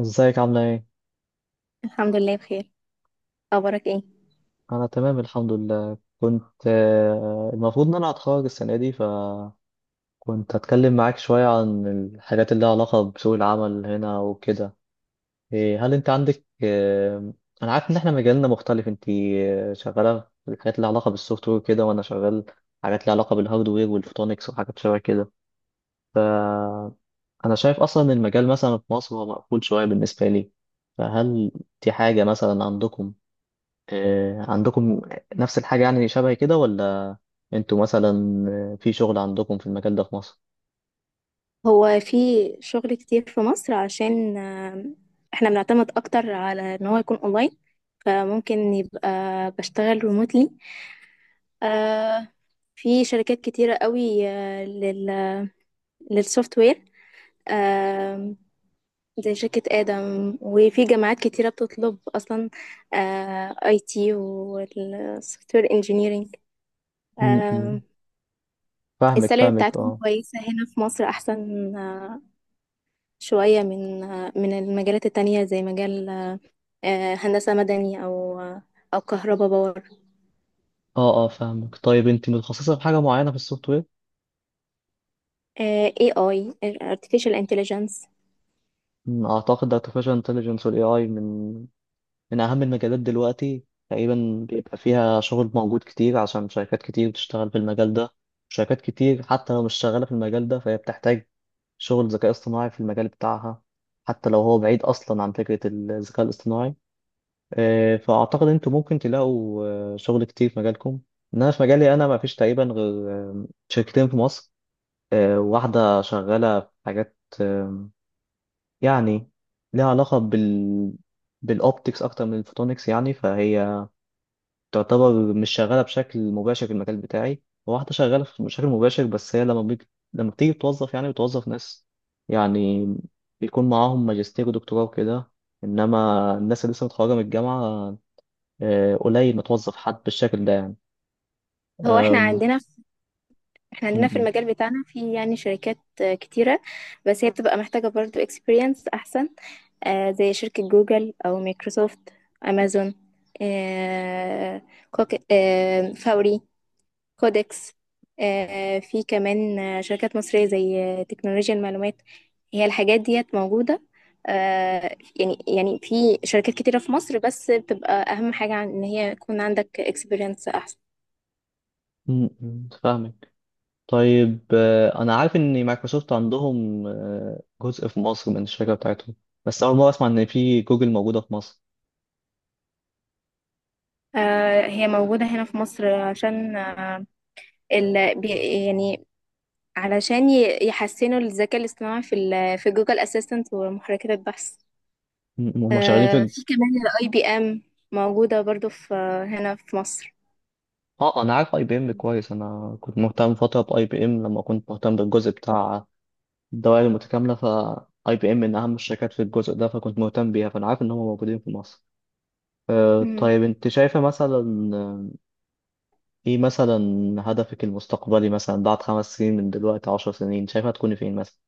ازيك عاملة ايه؟ الحمد لله بخير. اخبارك ايه؟ أنا تمام الحمد لله كنت المفروض إن أنا هتخرج السنة دي، فكنت هتكلم معاك شوية عن الحاجات اللي لها علاقة بسوق العمل هنا وكده. إيه، هل أنت عندك أنا عارف إن إحنا مجالنا مختلف. أنت شغالة في الحاجات اللي لها علاقة بالسوفت وير كده، وأنا شغال حاجات لها علاقة بالهاردوير والفوتونكس وحاجات شبه كده. فأنا شايف أصلا إن المجال مثلا في مصر هو مقفول شوية بالنسبة لي. فهل دي حاجة مثلا عندكم؟ عندكم نفس الحاجة يعني شبه كده ولا انتوا مثلا في شغل عندكم في المجال ده في مصر؟ هو في شغل كتير في مصر عشان احنا بنعتمد اكتر على ان هو يكون اونلاين، فممكن يبقى بشتغل ريموتلي في شركات كتيرة قوي آه، لل للسوفت وير. آه، زي شركة آدم، وفي جامعات كتيرة بتطلب أصلا اي تي والسوفت وير انجينيرنج. م- م. فاهمك السالري فاهمك. بتاعتهم اه كويسة هنا في مصر أحسن شوية من المجالات التانية، زي مجال هندسة مدني، أو كهرباء باور. اه اه، فاهمك. طيب انت متخصصة في حاجة معينة في السوفت وير؟ AI. Artificial Intelligence. اعتقد artificial intelligence وال AI من اهم المجالات دلوقتي. تقريبا بيبقى فيها شغل موجود كتير، عشان شركات كتير بتشتغل في المجال ده. شركات كتير حتى لو مش شغالة في المجال ده فهي بتحتاج شغل ذكاء اصطناعي في المجال بتاعها، حتى لو هو بعيد اصلا عن فكرة الذكاء الاصطناعي. فأعتقد أنتوا ممكن تلاقوا شغل كتير في مجالكم. إن أنا في مجالي أنا ما فيش تقريبا غير شركتين في مصر. واحدة شغالة في حاجات، يعني ليها علاقة بال بالأوبتكس أكتر من الفوتونكس، يعني فهي تعتبر مش شغالة بشكل مباشر في المجال بتاعي. وواحدة شغالة بشكل مباشر، بس هي لما بتيجي بتوظف، يعني بتوظف ناس يعني بيكون معاهم ماجستير ودكتوراه وكده. إنما الناس اللي لسه متخرجة من الجامعة، قليل ما توظف حد بالشكل ده يعني. هو احنا أم، عندنا احنا م- عندنا في م- المجال بتاعنا، في يعني شركات كتيرة، بس هي بتبقى محتاجة برضو experience أحسن، زي شركة جوجل أو مايكروسوفت، أمازون، آه، فوري، كودكس، في كمان شركات مصرية زي تكنولوجيا المعلومات. هي الحاجات ديت موجودة، يعني في شركات كتيرة في مصر، بس بتبقى أهم حاجة عن إن هي يكون عندك اكسبيرينس أحسن. فاهمك. طيب انا عارف ان مايكروسوفت عندهم جزء في مصر من الشركه بتاعتهم، بس اول مره اسمع ان في جوجل موجوده في مصر. هي موجودة هنا في مصر عشان يعني علشان يحسنوا الذكاء الاصطناعي في في جوجل اسيستنت ومحركات البحث. م- هم شغالين في. في كمان الاي بي ام موجودة برضو في آه، هنا في مصر. اه، انا عارف اي بي ام كويس، انا كنت مهتم فتره باي بي ام لما كنت مهتم بالجزء بتاع الدوائر المتكامله. ف اي بي ام من اهم الشركات في الجزء ده، فكنت مهتم بيها، فانا عارف ان هم موجودين في مصر. مم. طيب انت شايفه مثلا ايه مثلا هدفك المستقبلي، مثلا بعد خمس سنين من دلوقتي، عشر سنين، شايفة تكوني فين مثلا؟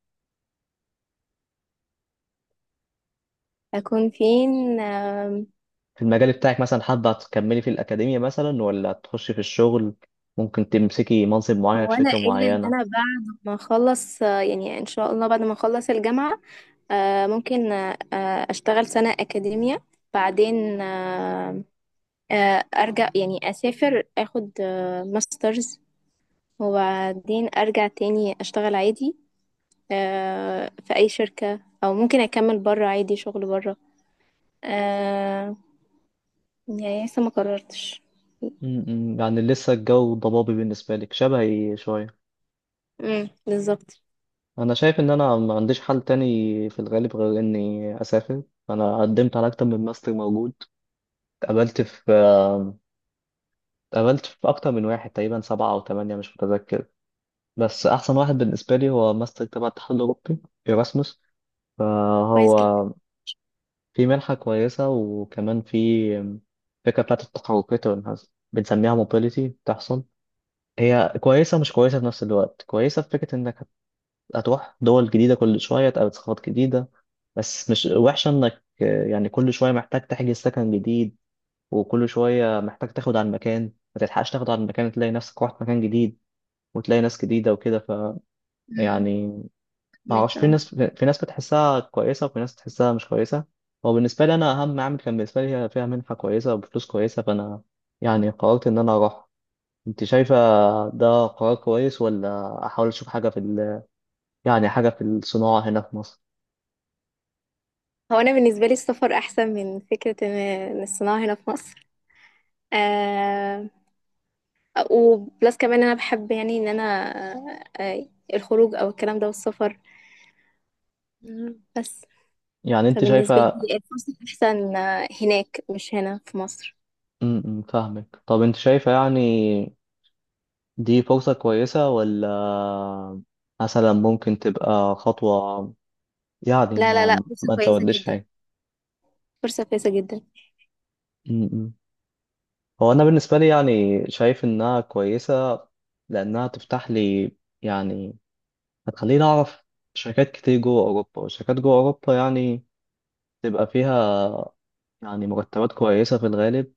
أكون فين في المجال بتاعك مثلا، حابة تكملي في الأكاديمية مثلا ولا تخشي في الشغل؟ ممكن تمسكي منصب معين في هو أنا شركة قايلة إن معينة. أنا بعد ما أخلص يعني إن شاء الله بعد ما أخلص الجامعة، آه، ممكن آه، آه، أشتغل سنة أكاديمية، بعدين أرجع، يعني أسافر أخد ماسترز، وبعدين أرجع تاني أشتغل عادي في أي شركة، أو ممكن أكمل برا عادي شغل برا. آه، يعني لسه ما قررتش. م- م، يعني لسه الجو ضبابي بالنسبة لك، شبهي شوية. مم، بالظبط. أنا شايف إن أنا ما عنديش حل تاني في الغالب غير إني أسافر. أنا قدمت على أكتر من ماستر موجود، اتقبلت في اتقبلت في أكتر من واحد، تقريبا سبعة أو تمانية مش متذكر. بس احسن واحد بالنسبه لي هو ماستر تبع الاتحاد الاوروبي، ايراسموس. كويس فهو جدا. في منحه كويسه، وكمان في فكره بتاعت التحركات والانعزال بنسميها موبيليتي بتحصل. هي كويسه مش كويسه في نفس الوقت. كويسه في فكره انك هتروح دول جديده كل شويه، تقابل ثقافات جديده. بس مش وحشه انك يعني كل شويه محتاج تحجز سكن جديد، وكل شويه محتاج تاخد عن مكان، ما تلحقش تاخد عن مكان تلاقي نفسك رحت مكان جديد، وتلاقي ناس جديده وكده. ف مم، يعني ما اعرفش، فهمك، في آه. ناس بتحسها كويسه وفي ناس بتحسها مش كويسه. هو بالنسبه لي انا اهم عامل كان بالنسبه لي هي فيها منحه كويسه وبفلوس كويسه، فانا يعني قررت ان انا اروح. انت شايفه ده قرار كويس ولا احاول اشوف حاجه في، ال... يعني حاجه في الصناعه هنا في مصر؟ هو انا بالنسبه لي السفر احسن من فكره إن الصناعه هنا في مصر. آه وبلس كمان انا بحب، يعني ان انا، آه الخروج او الكلام ده والسفر. مم. بس يعني انت فبالنسبه شايفه؟ لي الفرصه احسن هناك مش هنا في مصر. م- م، فاهمك. طب انت شايفه يعني دي فرصه كويسه، ولا مثلا ممكن تبقى خطوه يعني لا لا لا، ما فرصه ما كويسه تزودليش جدا، حاجه؟ فرصه كويسه جدا. م- م. هو أنا بالنسبة لي يعني شايف إنها كويسة، لأنها تفتح لي يعني، هتخليني أعرف شركات كتير جوه أوروبا. والشركات جوه أوروبا يعني تبقى فيها يعني مرتبات كويسة في الغالب.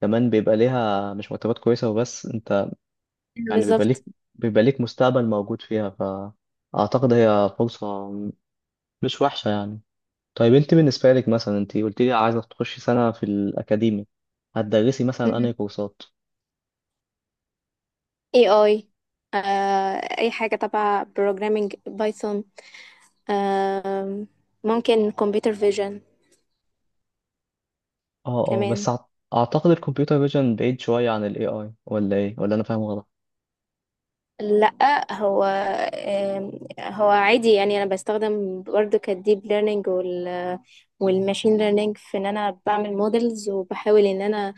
كمان بيبقى ليها مش مرتبات كويسة وبس، أنت أيوة يعني بالظبط. بيبقى ليك مستقبل موجود فيها، فأعتقد هي فرصة مش وحشة يعني. طيب أنت بالنسبة لك مثلا، أنت قلت لي عايزة تخشي سنة في الأكاديمي، هتدرسي مثلا مم. أنهي كورسات؟ اي اي آه اي حاجه تبع بروجرامينج بايثون، آه ممكن كمبيوتر فيجن اه اه، كمان. اعتقد الكمبيوتر فيجن بعيد شوية عن الاي اي، ولا ايه ولا انا فاهم غلط؟ لا، آم، هو عادي، يعني انا بستخدم برضو كالديب ليرنينج والماشين ليرنينج، في ان انا بعمل مودلز، وبحاول ان انا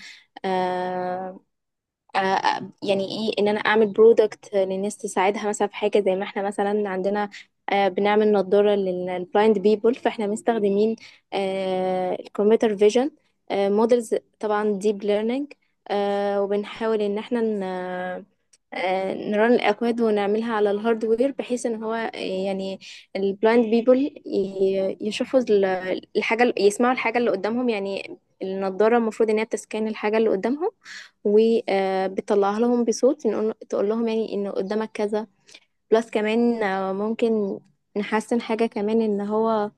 آه، يعني ايه ان انا اعمل برودكت للناس تساعدها، مثلا في حاجه زي ما احنا مثلا عندنا بنعمل نضاره للبلايند بيبول، فاحنا مستخدمين الكمبيوتر فيجن مودلز، طبعا ديب ليرنينج، وبنحاول ان احنا نرن الأكواد ونعملها على الهاردوير، بحيث ان هو يعني البلايند بيبل يشوفوا الحاجة يسمعوا الحاجة اللي قدامهم، يعني النضارة المفروض ان هي بتسكان الحاجة اللي قدامهم، وبتطلعها لهم بصوت، تقول لهم يعني ان قدامك كذا. بلس كمان ممكن نحسن حاجة كمان، ان هو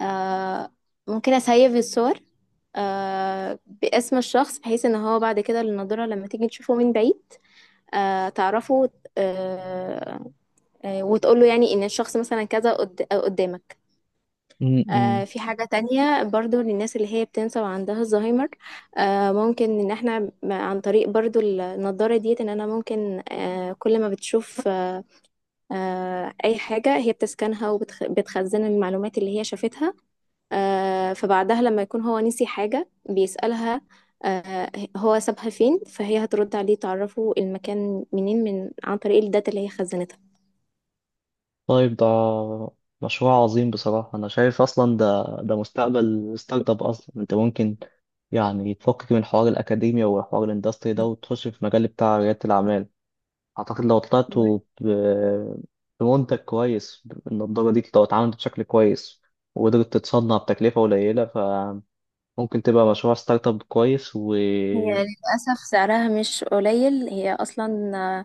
آه، ممكن اسيف الصور باسم الشخص، بحيث ان هو بعد كده النضارة لما تيجي تشوفه من بعيد تعرفه، آه، وتقول له يعني ان الشخص مثلا كذا قدامك. امم. في حاجة تانية برضو للناس اللي هي بتنسى وعندها الزهايمر. ممكن ان احنا عن طريق برضو النضارة ديت، ان انا ممكن كل ما بتشوف اي حاجة هي بتسكنها وبتخزن المعلومات اللي هي شافتها. فبعدها لما يكون هو نسي حاجة بيسألها آه، هو سابها فين، فهي هترد عليه تعرفه المكان منين، من عن طريق الداتا اللي هي خزنتها. طيب ده مشروع عظيم بصراحة. انا شايف اصلا ده مستقبل ستارت اب. اصلا انت ممكن يعني تفكك من حوار الاكاديميا وحوار الاندستري ده، وتخش في مجال بتاع ريادة الاعمال. اعتقد لو طلعت ب- بمنتج كويس، النضارة دي لو اتعملت بشكل كويس وقدرت تتصنع بتكلفة قليلة، فممكن تبقى مشروع ستارت اب كويس. و هي للأسف سعرها مش قليل، هي أصلا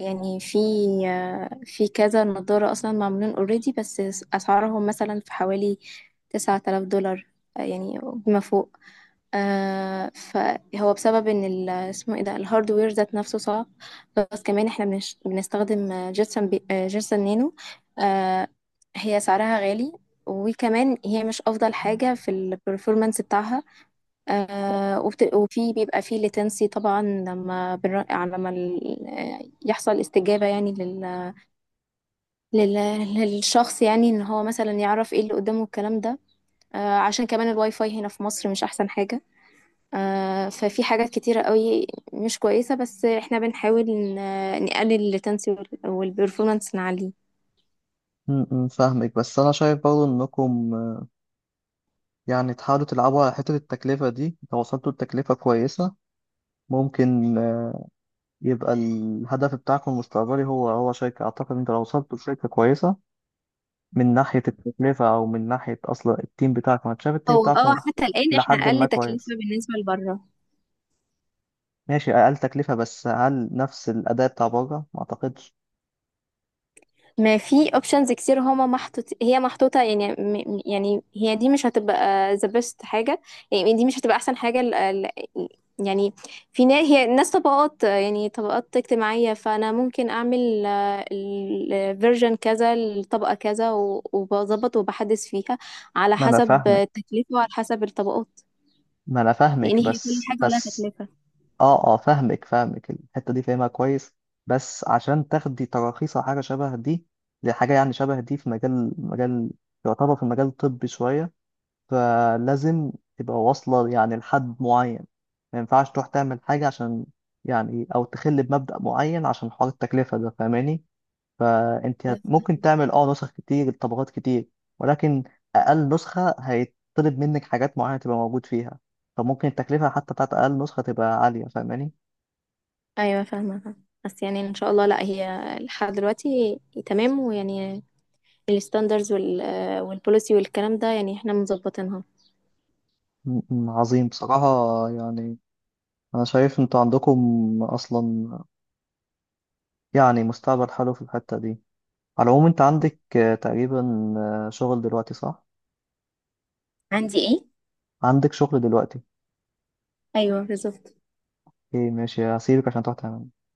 يعني، في كذا نظارة أصلا معمولين اوريدي، بس أسعارهم مثلا في حوالي 9000 دولار، يعني بما فوق. فهو بسبب ان اسمه ايه ده، الهاردوير ذات نفسه صعب. بس كمان احنا بنستخدم جيرسن بي آه، جيرسن نانو. آه هي سعرها غالي، وكمان هي مش افضل حاجه في البرفورمانس بتاعها. وفي بيبقى فيه لاتنسي، طبعا لما بنر... لما ال... آه، يحصل استجابه يعني لل... للشخص، يعني ان هو مثلا يعرف ايه اللي قدامه الكلام ده. عشان كمان الواي فاي هنا في مصر مش احسن حاجه. ففي حاجات كتيرة قوي مش كويسة، بس احنا بنحاول نقلل التنسي والبرفورمانس نعليه. م- م، فاهمك. بس انا شايف برضه انكم يعني تحاولوا تلعبوا على حتة التكلفة دي. لو وصلتوا لتكلفة كويسة ممكن يبقى الهدف بتاعكم المستقبلي هو هو شركة. اعتقد انت لو وصلتوا لشركة كويسة من ناحية التكلفة او من ناحية اصلا التيم بتاعكم، انا شايف هو التيم بتاعكم حتى الآن احنا لحد ما أقل تكلفة كويس. بالنسبة لبره. ماشي اقل تكلفة، بس هل نفس الاداء بتاع بره؟ ما اعتقدش. ما في اوبشنز كتير، هما محطوط هي محطوطة، يعني يعني هي دي مش هتبقى the best حاجة، يعني دي مش هتبقى احسن حاجة. يعني في ناس، هي ناس طبقات، يعني طبقات اجتماعية، فانا ممكن اعمل الفيرجن كذا، الطبقة كذا، وبظبط وبحدث فيها على ما انا حسب فاهمك، التكلفة وعلى حسب الطبقات. ما انا لان فاهمك هي كل بس حاجة ولها بس. تكلفة. اه اه فاهمك فاهمك، الحتة دي فاهمها كويس. بس عشان تاخدي تراخيص أو حاجة شبه دي، لحاجة يعني شبه دي في مجال يعتبر في مجال طبي شوية، فلازم تبقى واصلة يعني لحد معين. ما ينفعش تروح تعمل حاجة عشان يعني، أو تخل بمبدأ معين عشان حوار التكلفة ده، فاهماني؟ فأنت ممكن تعمل اه نسخ كتير، طبقات كتير، ولكن أقل نسخة هيطلب منك حاجات معينة تبقى موجود فيها. فممكن التكلفة حتى بتاعت أقل نسخة تبقى عالية، فاهماني؟ ايوه، فاهمة فاهمة. بس يعني ان شاء الله، لا هي لحد دلوقتي تمام، ويعني الستاندرز والبوليسي والكلام ده يعني احنا مظبطينها. م- عظيم بصراحة. يعني أنا شايف أنتوا عندكم أصلا يعني مستقبل حلو في الحتة دي. على العموم أنت عندك تقريبا شغل دلوقتي صح؟ عندي ايه؟ عندك شغل دلوقتي. ايوه بالظبط. إيه ماشي، هسيبك عشان تروح تعمل